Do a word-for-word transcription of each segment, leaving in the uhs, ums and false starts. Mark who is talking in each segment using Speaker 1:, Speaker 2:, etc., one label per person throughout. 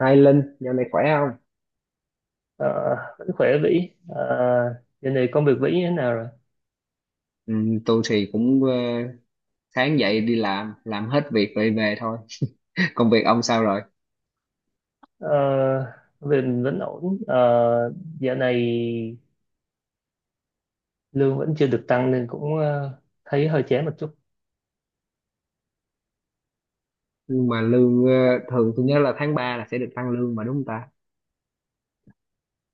Speaker 1: Hai Linh, dạo này khỏe không?
Speaker 2: Ờ, vẫn khỏe Vĩ. Ờ, Dạo này công việc Vĩ như thế nào rồi?
Speaker 1: Ừ, tôi thì cũng ờ, sáng dậy đi làm, làm hết việc rồi về thôi. Công việc ông sao rồi?
Speaker 2: Ờ, công việc mình vẫn ổn. Ờ, Dạo này lương vẫn chưa được tăng nên cũng ờ, thấy hơi chán một chút.
Speaker 1: Nhưng mà lương ờ, thường tôi nhớ là tháng ba là sẽ được tăng lương mà đúng không ta?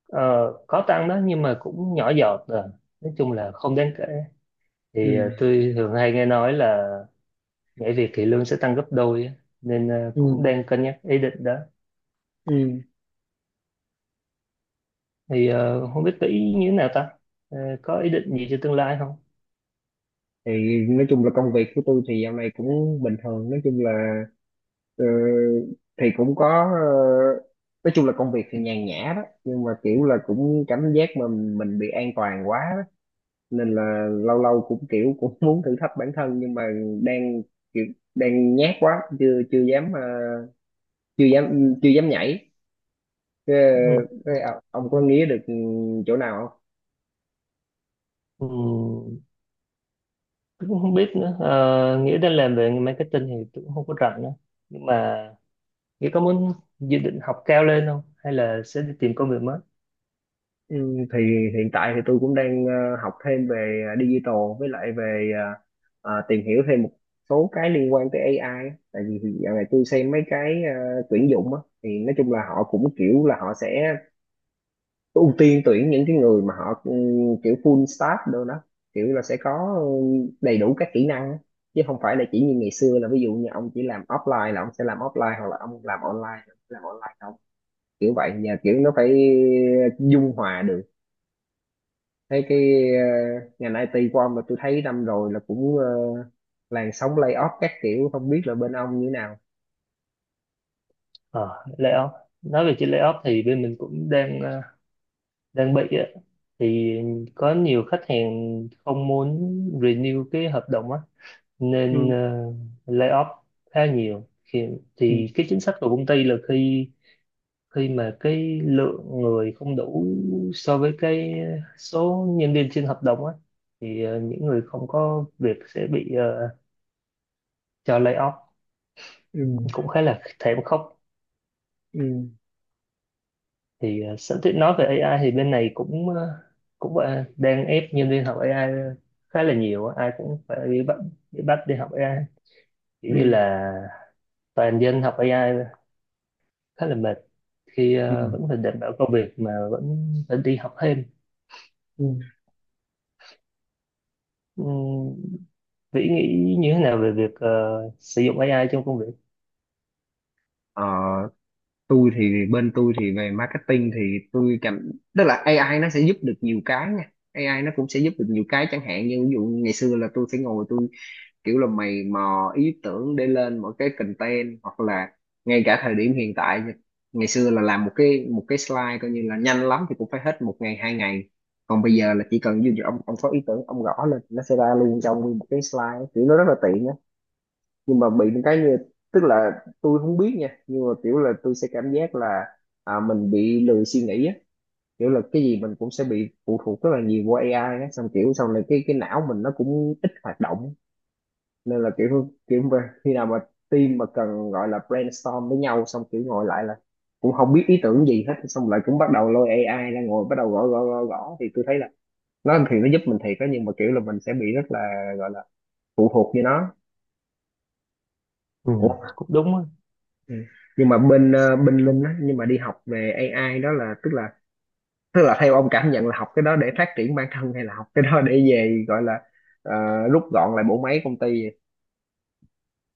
Speaker 2: Ờ, có tăng đó nhưng mà cũng nhỏ giọt rồi, nói chung là không đáng kể.
Speaker 1: Ừ,
Speaker 2: Thì ờ, tôi thường hay nghe nói là nhảy việc thì lương sẽ tăng gấp đôi á. Nên ờ, cũng
Speaker 1: ừ,
Speaker 2: đang cân nhắc ý định đó.
Speaker 1: ừ.
Speaker 2: Thì ờ, không biết Vĩ như thế nào ta? Ờ, có ý định gì cho tương lai không?
Speaker 1: Thì nói chung là công việc của tôi thì dạo này cũng bình thường, nói chung là ờ, thì cũng có ờ, nói chung là công việc thì nhàn nhã đó, nhưng mà kiểu là cũng cảm giác mà mình bị an toàn quá, nên là lâu lâu cũng kiểu cũng muốn thử thách bản thân, nhưng mà đang kiểu đang nhát quá chưa chưa dám ờ, chưa dám chưa dám nhảy. Ờ,
Speaker 2: Ừ.
Speaker 1: ờ, ông có nghĩ được chỗ nào không?
Speaker 2: Ừ. Tôi cũng không biết nữa. Ờ, Nghĩa đang làm về marketing thì tôi cũng không có rảnh nữa. Nhưng mà nghĩa có muốn dự định học cao lên không hay là sẽ đi tìm công việc mới?
Speaker 1: Ừ, thì hiện tại thì tôi cũng đang ờ, học thêm về ờ, digital với lại về ờ, ờ, tìm hiểu thêm một số cái liên quan tới ây ai á. Tại vì dạo này tôi xem mấy cái ờ, tuyển dụng á thì nói chung là họ cũng kiểu là họ sẽ ưu tiên tuyển những cái người mà họ ừ, kiểu full stack đâu đó, kiểu là sẽ có ừ, đầy đủ các kỹ năng á. Chứ không phải là chỉ như ngày xưa là ví dụ như ông chỉ làm offline là ông sẽ làm offline, hoặc là ông làm online là ông sẽ làm online không, kiểu vậy nhà, kiểu nó phải dung hòa được. Thấy cái ờ, ngành I T của ông mà tôi thấy năm rồi là cũng ờ, làn sóng layoff các kiểu, không biết là bên ông như thế nào.
Speaker 2: Ờ layoff nói về chuyện layoff thì bên mình cũng đang ờ, đang bị á. Thì có nhiều khách hàng không muốn renew cái hợp đồng á, nên
Speaker 1: Ừ,
Speaker 2: ờ, layoff khá nhiều thì,
Speaker 1: ừ,
Speaker 2: thì cái chính sách của công ty là khi khi mà cái lượng người không đủ so với cái số nhân viên trên hợp đồng á, thì ờ, những người không có việc sẽ bị ờ, cho lay off.
Speaker 1: ừ,
Speaker 2: Cũng khá là thảm khốc.
Speaker 1: ừ,
Speaker 2: Thì uh, sẵn tiện nói về a i thì bên này cũng ờ, cũng ờ, đang ép nhân viên học a i khá là nhiều á. Ai cũng phải bị bắt bị bắt đi học a i, kiểu như
Speaker 1: ừ,
Speaker 2: là toàn dân học a i, khá là mệt khi
Speaker 1: ừ,
Speaker 2: ờ, vẫn phải đảm bảo công việc mà vẫn phải đi học thêm.
Speaker 1: ừ.
Speaker 2: Ừm, Vĩ nghĩ như thế nào về việc ờ, sử dụng a i trong công việc?
Speaker 1: Ờ, tôi thì bên tôi thì về marketing thì tôi cảm tức là A I nó sẽ giúp được nhiều cái nha, A I nó cũng sẽ giúp được nhiều cái, chẳng hạn như ví dụ ngày xưa là tôi phải ngồi tôi kiểu là mày mò ý tưởng để lên một cái content, hoặc là ngay cả thời điểm hiện tại, ngày xưa là làm một cái một cái slide coi như là nhanh lắm thì cũng phải hết một ngày hai ngày, còn bây giờ là chỉ cần ví dụ ông ông có ý tưởng ông gõ lên nó sẽ ra luôn cho ông nguyên một cái slide, kiểu nó rất là tiện á. Nhưng mà bị một cái như, tức là tôi không biết nha, nhưng mà kiểu là tôi sẽ cảm giác là à, mình bị lười suy nghĩ á, kiểu là cái gì mình cũng sẽ bị phụ thuộc rất là nhiều qua A I á, xong kiểu sau này cái cái não mình nó cũng ít hoạt động. Nên là kiểu kiểu mà khi nào mà team mà cần gọi là brainstorm với nhau xong kiểu ngồi lại là cũng không biết ý tưởng gì hết, xong lại cũng bắt đầu lôi A I ra ngồi bắt đầu gõ gõ gõ gõ thì tôi thấy là nó thì nó giúp mình thiệt đó, nhưng mà kiểu là mình sẽ bị rất là, gọi là, phụ thuộc với nó.
Speaker 2: Ừ, cũng đúng á.
Speaker 1: Ừ. Nhưng mà bên ờ, bên Linh á, nhưng mà đi học về A I đó là tức là tức là theo ông cảm nhận là học cái đó để phát triển bản thân, hay là học cái đó để về gọi là ờ, rút gọn lại bộ máy công ty vậy?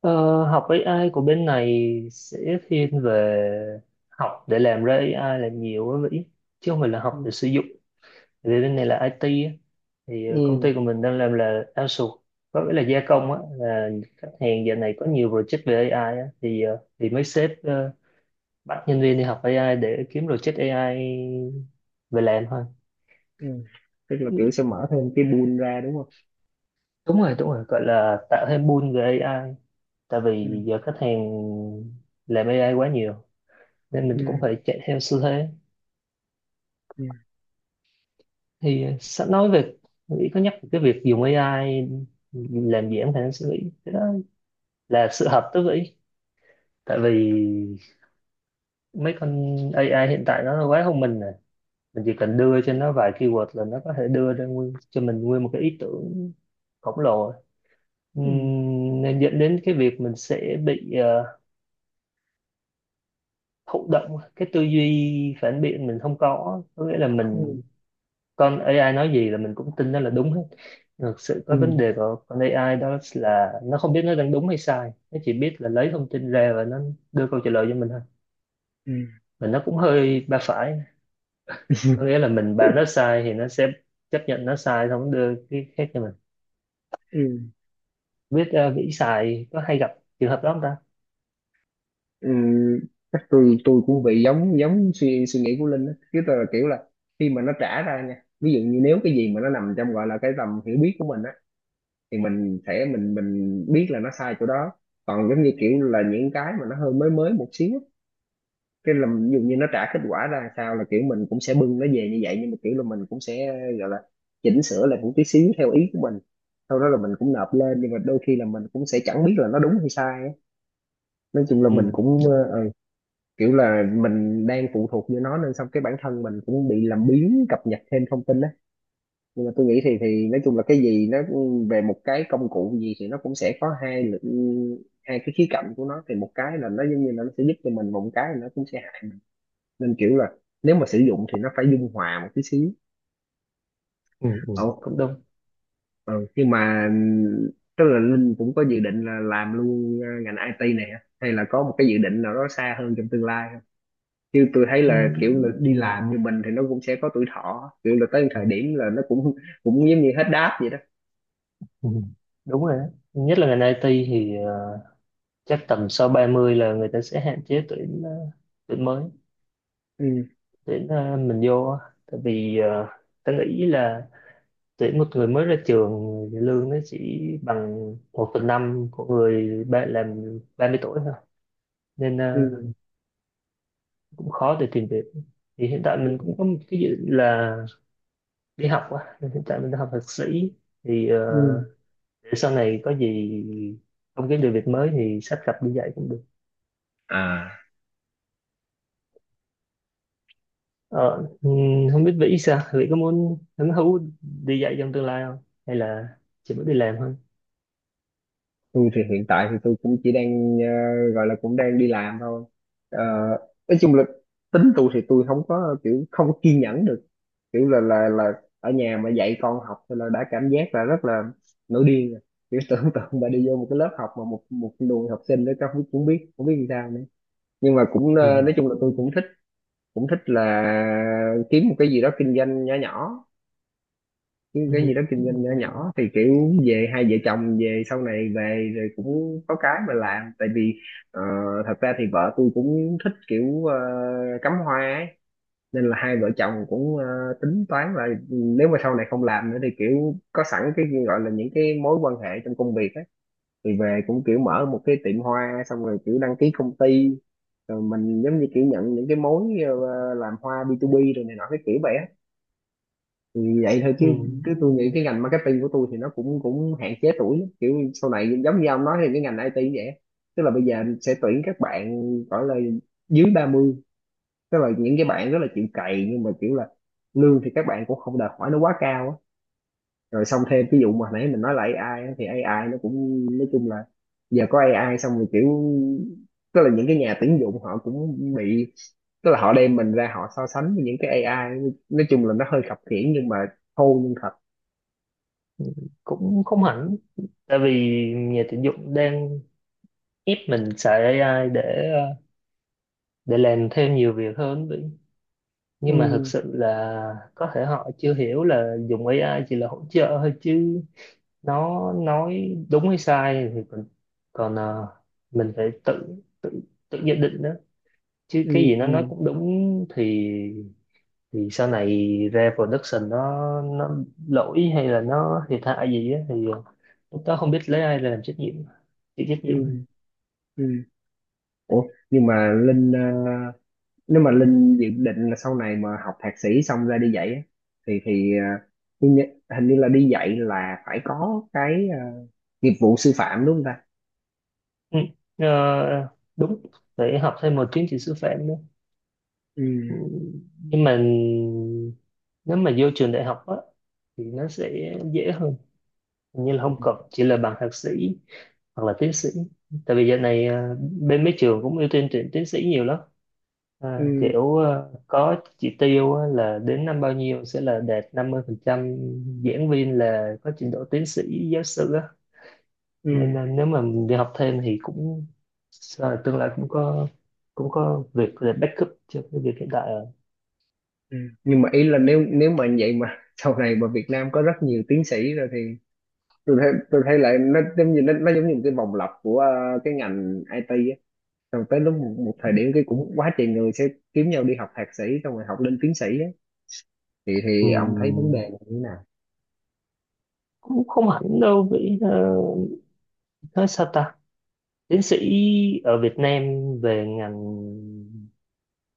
Speaker 2: Ờ, học a i của bên này sẽ thiên về học để làm ra a i là nhiều á Vĩ, chứ không phải là
Speaker 1: Ừ.
Speaker 2: học để sử dụng. Tại vì bên này là ai ti á, thì ờ, công
Speaker 1: Ừ.
Speaker 2: ty của mình đang làm là outsource, có nghĩa là gia công á, là khách hàng giờ này có nhiều project về a i á, thì ờ, thì mấy sếp ờ, bắt nhân viên đi học a i để kiếm project a i về làm thôi.
Speaker 1: Ừ. Tức là kiểu sẽ mở thêm cái pool ra đúng không?
Speaker 2: Đúng rồi, đúng rồi, gọi là tạo thêm pull về ây ai, tại
Speaker 1: Ừ.
Speaker 2: vì giờ khách hàng làm a i quá nhiều nên mình
Speaker 1: Ừ.
Speaker 2: cũng phải chạy theo xu thế.
Speaker 1: Ừ.
Speaker 2: Thì sẵn nói về nghĩ có nhắc về cái việc dùng a i làm giảm khả năng suy nghĩ, cái đó là sự hợp tới vĩ, tại vì mấy con a i hiện tại nó quá thông minh rồi, mình chỉ cần đưa cho nó vài keyword là nó có thể đưa ra nguyên, cho mình nguyên một cái ý tưởng khổng lồ.
Speaker 1: Ừ.
Speaker 2: Ừm, nên dẫn đến cái việc mình sẽ bị ờ, thụ động, cái tư duy phản biện mình không có, có nghĩa là
Speaker 1: Ừ.
Speaker 2: mình con ây ai nói gì là mình cũng tin nó là đúng hết. Thực sự có
Speaker 1: Ừ.
Speaker 2: vấn đề của con a i đó là nó không biết nó đang đúng hay sai, nó chỉ biết là lấy thông tin ra và nó đưa câu trả lời cho mình thôi.
Speaker 1: Ừ.
Speaker 2: Và nó cũng hơi ba phải, có nghĩa là mình bảo nó sai thì nó sẽ chấp nhận nó sai xong nó đưa cái khác cho mình.
Speaker 1: Ừ.
Speaker 2: Biết ờ, vĩ xài có hay gặp trường hợp đó không ta?
Speaker 1: Ừ. Chắc tôi tôi cũng bị giống giống suy suy nghĩ của Linh á, chứ tôi là kiểu là khi mà nó trả ra nha, ví dụ như nếu cái gì mà nó nằm trong gọi là cái tầm hiểu biết của mình á thì mình sẽ mình mình biết là nó sai chỗ đó. Còn giống như kiểu là những cái mà nó hơi mới mới một xíu, cái là ví dụ như nó trả kết quả ra sao là kiểu mình cũng sẽ bưng nó về như vậy, nhưng mà kiểu là mình cũng sẽ, gọi là, chỉnh sửa lại một tí xíu theo ý của mình, sau đó là mình cũng nộp lên, nhưng mà đôi khi là mình cũng sẽ chẳng biết là nó đúng hay sai á. Nói chung là mình
Speaker 2: Ừ,
Speaker 1: cũng ờ, ờ, kiểu là mình đang phụ thuộc vô nó, nên xong cái bản thân mình cũng bị làm biếng cập nhật thêm thông tin á. Nhưng mà tôi nghĩ thì thì nói chung là cái gì nó về một cái công cụ gì thì nó cũng sẽ có hai lực, hai cái khía cạnh của nó, thì một cái là nó giống như là nó sẽ giúp cho mình, một cái là nó cũng sẽ hại mình. Nên kiểu là nếu mà sử dụng thì nó phải dung hòa một tí xíu.
Speaker 2: ừ, ừ,
Speaker 1: Ồ,
Speaker 2: cũng đúng.
Speaker 1: ừ, nhưng mà tức là Linh cũng có dự định là làm luôn ờ, ngành I T này hả? Hay là có một cái dự định nào đó xa hơn trong tương lai không? Chứ tôi thấy
Speaker 2: Ừ,
Speaker 1: là kiểu là đi làm như mình thì nó cũng sẽ có tuổi thọ, kiểu là tới thời điểm là nó cũng cũng giống như hết đáp vậy đó.
Speaker 2: ừ, đúng rồi đó. Nhất là ngành i ti thì ờ, chắc tầm sau ba mươi là người ta sẽ hạn chế tuyển ờ, tuyển mới,
Speaker 1: Ừ.
Speaker 2: tuyển ờ, mình vô á. Tại vì ờ, ta nghĩ là tuyển một người mới ra trường thì lương nó chỉ bằng một phần năm của người ba, làm ba mươi tuổi thôi. Nên ờ, cũng khó để tìm việc. Thì hiện tại mình cũng
Speaker 1: Ừ.
Speaker 2: có một cái dự định là đi học á, nên hiện tại mình đang học thạc sĩ. Thì ờ,
Speaker 1: Ừ.
Speaker 2: để sau này có gì không kiếm được việc mới thì sắp gặp đi dạy cũng được.
Speaker 1: À,
Speaker 2: Ờ, ừm, không biết vĩ sao, vĩ có muốn hứng thú đi dạy trong tương lai không? Hay là chỉ muốn đi làm thôi?
Speaker 1: tôi thì hiện tại thì tôi cũng chỉ đang ờ, gọi là cũng đang đi làm thôi. Ờ, nói chung là tính tôi thì tôi không có kiểu không có kiên nhẫn được, kiểu là là là ở nhà mà dạy con học thì là đã cảm giác là rất là nổi điên rồi, kiểu tưởng tượng mà đi vô một cái lớp học mà một một đùi học sinh đó các không cũng biết cũng biết làm sao nữa. Nhưng mà cũng ờ,
Speaker 2: Ừ.
Speaker 1: nói chung là tôi cũng thích, cũng thích là kiếm một cái gì đó kinh doanh nhỏ nhỏ, cái
Speaker 2: Ừ.
Speaker 1: cái gì đó kinh doanh nhỏ nhỏ thì kiểu về hai vợ chồng về sau này về rồi cũng có cái mà làm. Tại vì ờ, thật ra thì vợ tôi cũng thích kiểu ờ, cắm hoa ấy, nên là hai vợ chồng cũng ờ, tính toán là nếu mà sau này không làm nữa thì kiểu có sẵn cái gọi là những cái mối quan hệ trong công việc ấy, thì về cũng kiểu mở một cái tiệm hoa, xong rồi kiểu đăng ký công ty, rồi mình giống như kiểu nhận những cái mối ờ, làm hoa bi tu bi rồi này nọ cái kiểu vậy á. Thì vậy thôi chứ,
Speaker 2: Ừ.
Speaker 1: chứ tôi nghĩ cái ngành marketing của tôi thì nó cũng cũng hạn chế tuổi lắm. Kiểu sau này giống như ông nói thì cái ngành I T cũng vậy, tức là bây giờ sẽ tuyển các bạn gọi là dưới ba mươi, tức là những cái bạn rất là chịu cày, nhưng mà kiểu là lương thì các bạn cũng không đòi hỏi nó quá cao á. Rồi xong thêm ví dụ mà hồi nãy mình nói là A I á, thì A I nó cũng nói chung là giờ có A I xong rồi kiểu, tức là những cái nhà tuyển dụng họ cũng bị, tức là họ đem mình ra họ so sánh với những cái A I, nói chung là nó hơi khập khiễng nhưng mà thô nhưng thật.
Speaker 2: Cũng không hẳn, tại vì nhà tuyển dụng đang ép mình xài ây ai để ờ, để làm thêm nhiều việc hơn vĩ. Nhưng mà thực
Speaker 1: Ừ.
Speaker 2: sự là có thể họ chưa hiểu là dùng a i chỉ là hỗ trợ thôi, chứ nó nói đúng hay sai thì còn còn ờ, mình phải tự tự tự nhận định đó, chứ cái
Speaker 1: Ừ.
Speaker 2: gì nó
Speaker 1: Ừ.
Speaker 2: nói cũng đúng thì thì sau này ra production nó nó lỗi hay là nó thiệt hại gì á, thì ờ, lúc đó không biết lấy ai là làm trách nhiệm, chịu trách nhiệm.
Speaker 1: Ừ. Ừ. Ủa, nhưng mà Linh ờ, nếu mà Linh dự định là sau này mà học thạc sĩ xong ra đi dạy á, thì thì ờ, tôi nhớ hình như là đi dạy là phải có cái ờ, nghiệp vụ sư phạm đúng không ta?
Speaker 2: Ừ. ờ, Đúng, phải học thêm một chứng chỉ sư phạm nữa. Ừ.
Speaker 1: Ừ.
Speaker 2: Nhưng mà nếu mà vô trường đại học á thì nó sẽ dễ hơn. Hình như là không
Speaker 1: Ừ.
Speaker 2: cần, chỉ là bằng thạc sĩ hoặc là tiến sĩ, tại vì giờ này ờ, bên mấy trường cũng ưu tiên tuyển tiến sĩ nhiều lắm. À,
Speaker 1: Ừ.
Speaker 2: kiểu ờ, có chỉ tiêu á, là đến năm bao nhiêu sẽ là đạt năm mươi phần trăm giảng viên là có trình độ tiến sĩ giáo sư á.
Speaker 1: Ừ.
Speaker 2: Nên là nếu mà mình đi học thêm thì cũng sợ là tương lai cũng có cũng có việc để backup cho cái việc hiện tại rồi.
Speaker 1: Ừ. Nhưng mà ý là nếu nếu mà vậy mà sau này mà Việt Nam có rất nhiều tiến sĩ rồi thì tôi thấy tôi thấy lại nó giống như nó, nó giống như một cái vòng lặp của ờ, cái ngành I T, rồi tới lúc một, một thời điểm cái cũng quá trời người sẽ kiếm nhau đi học thạc sĩ xong rồi học lên tiến sĩ á, thì thì ông thấy vấn đề
Speaker 2: Ừm,
Speaker 1: là như thế nào?
Speaker 2: cũng không hẳn đâu vì ờ, nói sao ta. Tiến sĩ ở Việt Nam về ngành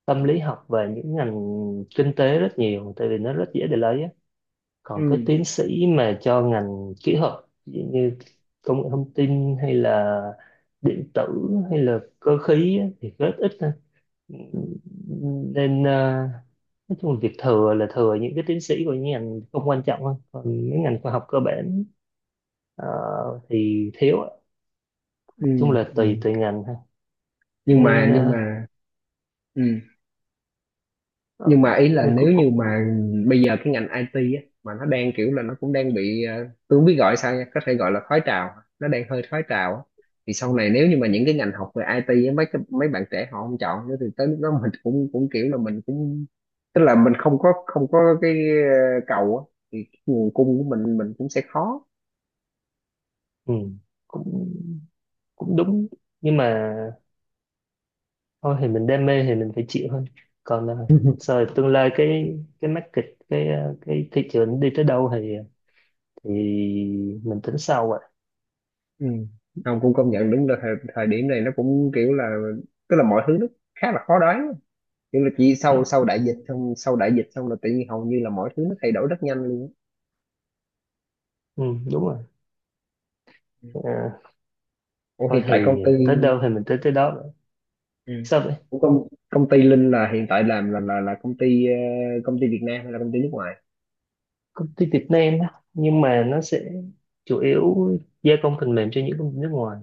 Speaker 2: tâm lý học và những ngành kinh tế rất nhiều, tại vì nó rất dễ để lấy á. Còn cái
Speaker 1: Ừ,
Speaker 2: tiến sĩ mà cho ngành kỹ thuật, ví dụ như công nghệ thông tin hay là điện tử hay là cơ khí á, thì rất ít thôi. Nên ờ, nói chung là việc thừa là thừa những cái tiến sĩ của những ngành không quan trọng thôi, còn mấy ngành khoa học cơ bản ờ, thì thiếu ạ. Nói
Speaker 1: ừ,
Speaker 2: chung là tùy
Speaker 1: ừ.
Speaker 2: tùy ngành ha.
Speaker 1: Nhưng
Speaker 2: nên
Speaker 1: mà nhưng
Speaker 2: ờ,
Speaker 1: mà ừ.
Speaker 2: ờ,
Speaker 1: Nhưng mà ý là
Speaker 2: nên cũng
Speaker 1: nếu như
Speaker 2: cũng
Speaker 1: mà bây giờ cái ngành I T á, mà nó đang kiểu là nó cũng đang bị ờ, tôi không biết gọi sao nha, có thể gọi là khói trào, nó đang hơi khói trào á. Thì sau này nếu như mà những cái ngành học về I T á, mấy cái, mấy bạn trẻ họ không chọn nữa thì tới lúc đó mình cũng cũng kiểu là mình cũng, tức là mình không có không có cái ờ, cầu á, thì cái nguồn cung của mình mình cũng sẽ khó.
Speaker 2: ừ, cũng cũng đúng. Nhưng mà thôi thì mình đam mê thì mình phải chịu thôi. Còn ờ, rồi tương lai cái cái market, cái ờ, cái thị trường đi tới đâu thì thì mình tính sau rồi.
Speaker 1: Ừ. Không, cũng công nhận đúng là thời, thời điểm này nó cũng kiểu là, tức là mọi thứ nó khá là khó đoán, nhưng mà chỉ
Speaker 2: Ừ,
Speaker 1: sau sau đại dịch xong sau đại dịch xong là tự nhiên hầu như là mọi thứ nó thay đổi rất nhanh luôn
Speaker 2: ừ, đúng rồi.
Speaker 1: á.
Speaker 2: Ờ,
Speaker 1: Ủa,
Speaker 2: thôi
Speaker 1: hiện tại công
Speaker 2: thì
Speaker 1: ty.
Speaker 2: tới đâu thì mình tới tới đó.
Speaker 1: Ừ.
Speaker 2: Sao vậy?
Speaker 1: Của công công ty Linh là hiện tại làm là là là công ty ờ, công ty Việt Nam hay là công ty nước ngoài?
Speaker 2: Công ty Việt Nam á, nhưng mà nó sẽ chủ yếu gia công phần mềm cho những công ty nước ngoài.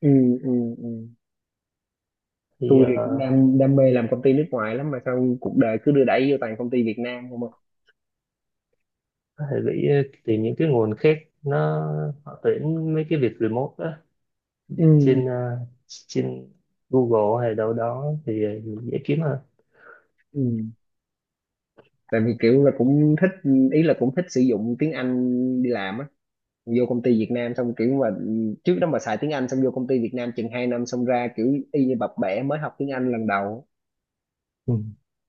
Speaker 1: Ừ, ừ, ừ.
Speaker 2: Thì
Speaker 1: Tôi thì cũng
Speaker 2: ờ,
Speaker 1: đam đam mê làm công ty nước ngoài lắm, mà sao cuộc đời cứ đưa đẩy vô toàn công ty Việt Nam không à.
Speaker 2: có thể bị ờ, tìm những cái nguồn khác, nó họ tuyển mấy cái việc remote á, trên
Speaker 1: Ừ,
Speaker 2: ờ, trên Google hay đâu đó thì dễ kiếm.
Speaker 1: ừ. Tại vì kiểu là cũng thích, ý là cũng thích sử dụng tiếng Anh đi làm á, vô công ty Việt Nam xong kiểu mà trước đó mà xài tiếng Anh xong vô công ty Việt Nam chừng hai năm xong ra kiểu y như bập bẹ mới học tiếng Anh lần đầu.
Speaker 2: Ừ.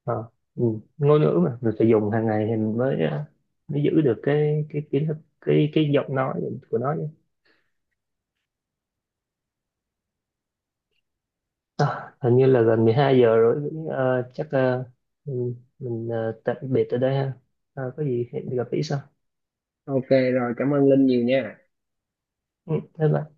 Speaker 2: Ờ, ừ. Ngôn ngữ mà mình phải dùng hàng ngày thì mình mới ờ, mới giữ được cái cái kiến thức, cái cái giọng nói của nó chứ. À, hình như là gần mười hai giờ rồi. Ờ, chắc ờ, mình, mình ờ, tạm biệt ở đây ha. Ờ, có gì hẹn gặp lại sau.
Speaker 1: OK rồi, cảm ơn Linh nhiều nha.
Speaker 2: Ừ, bye bye.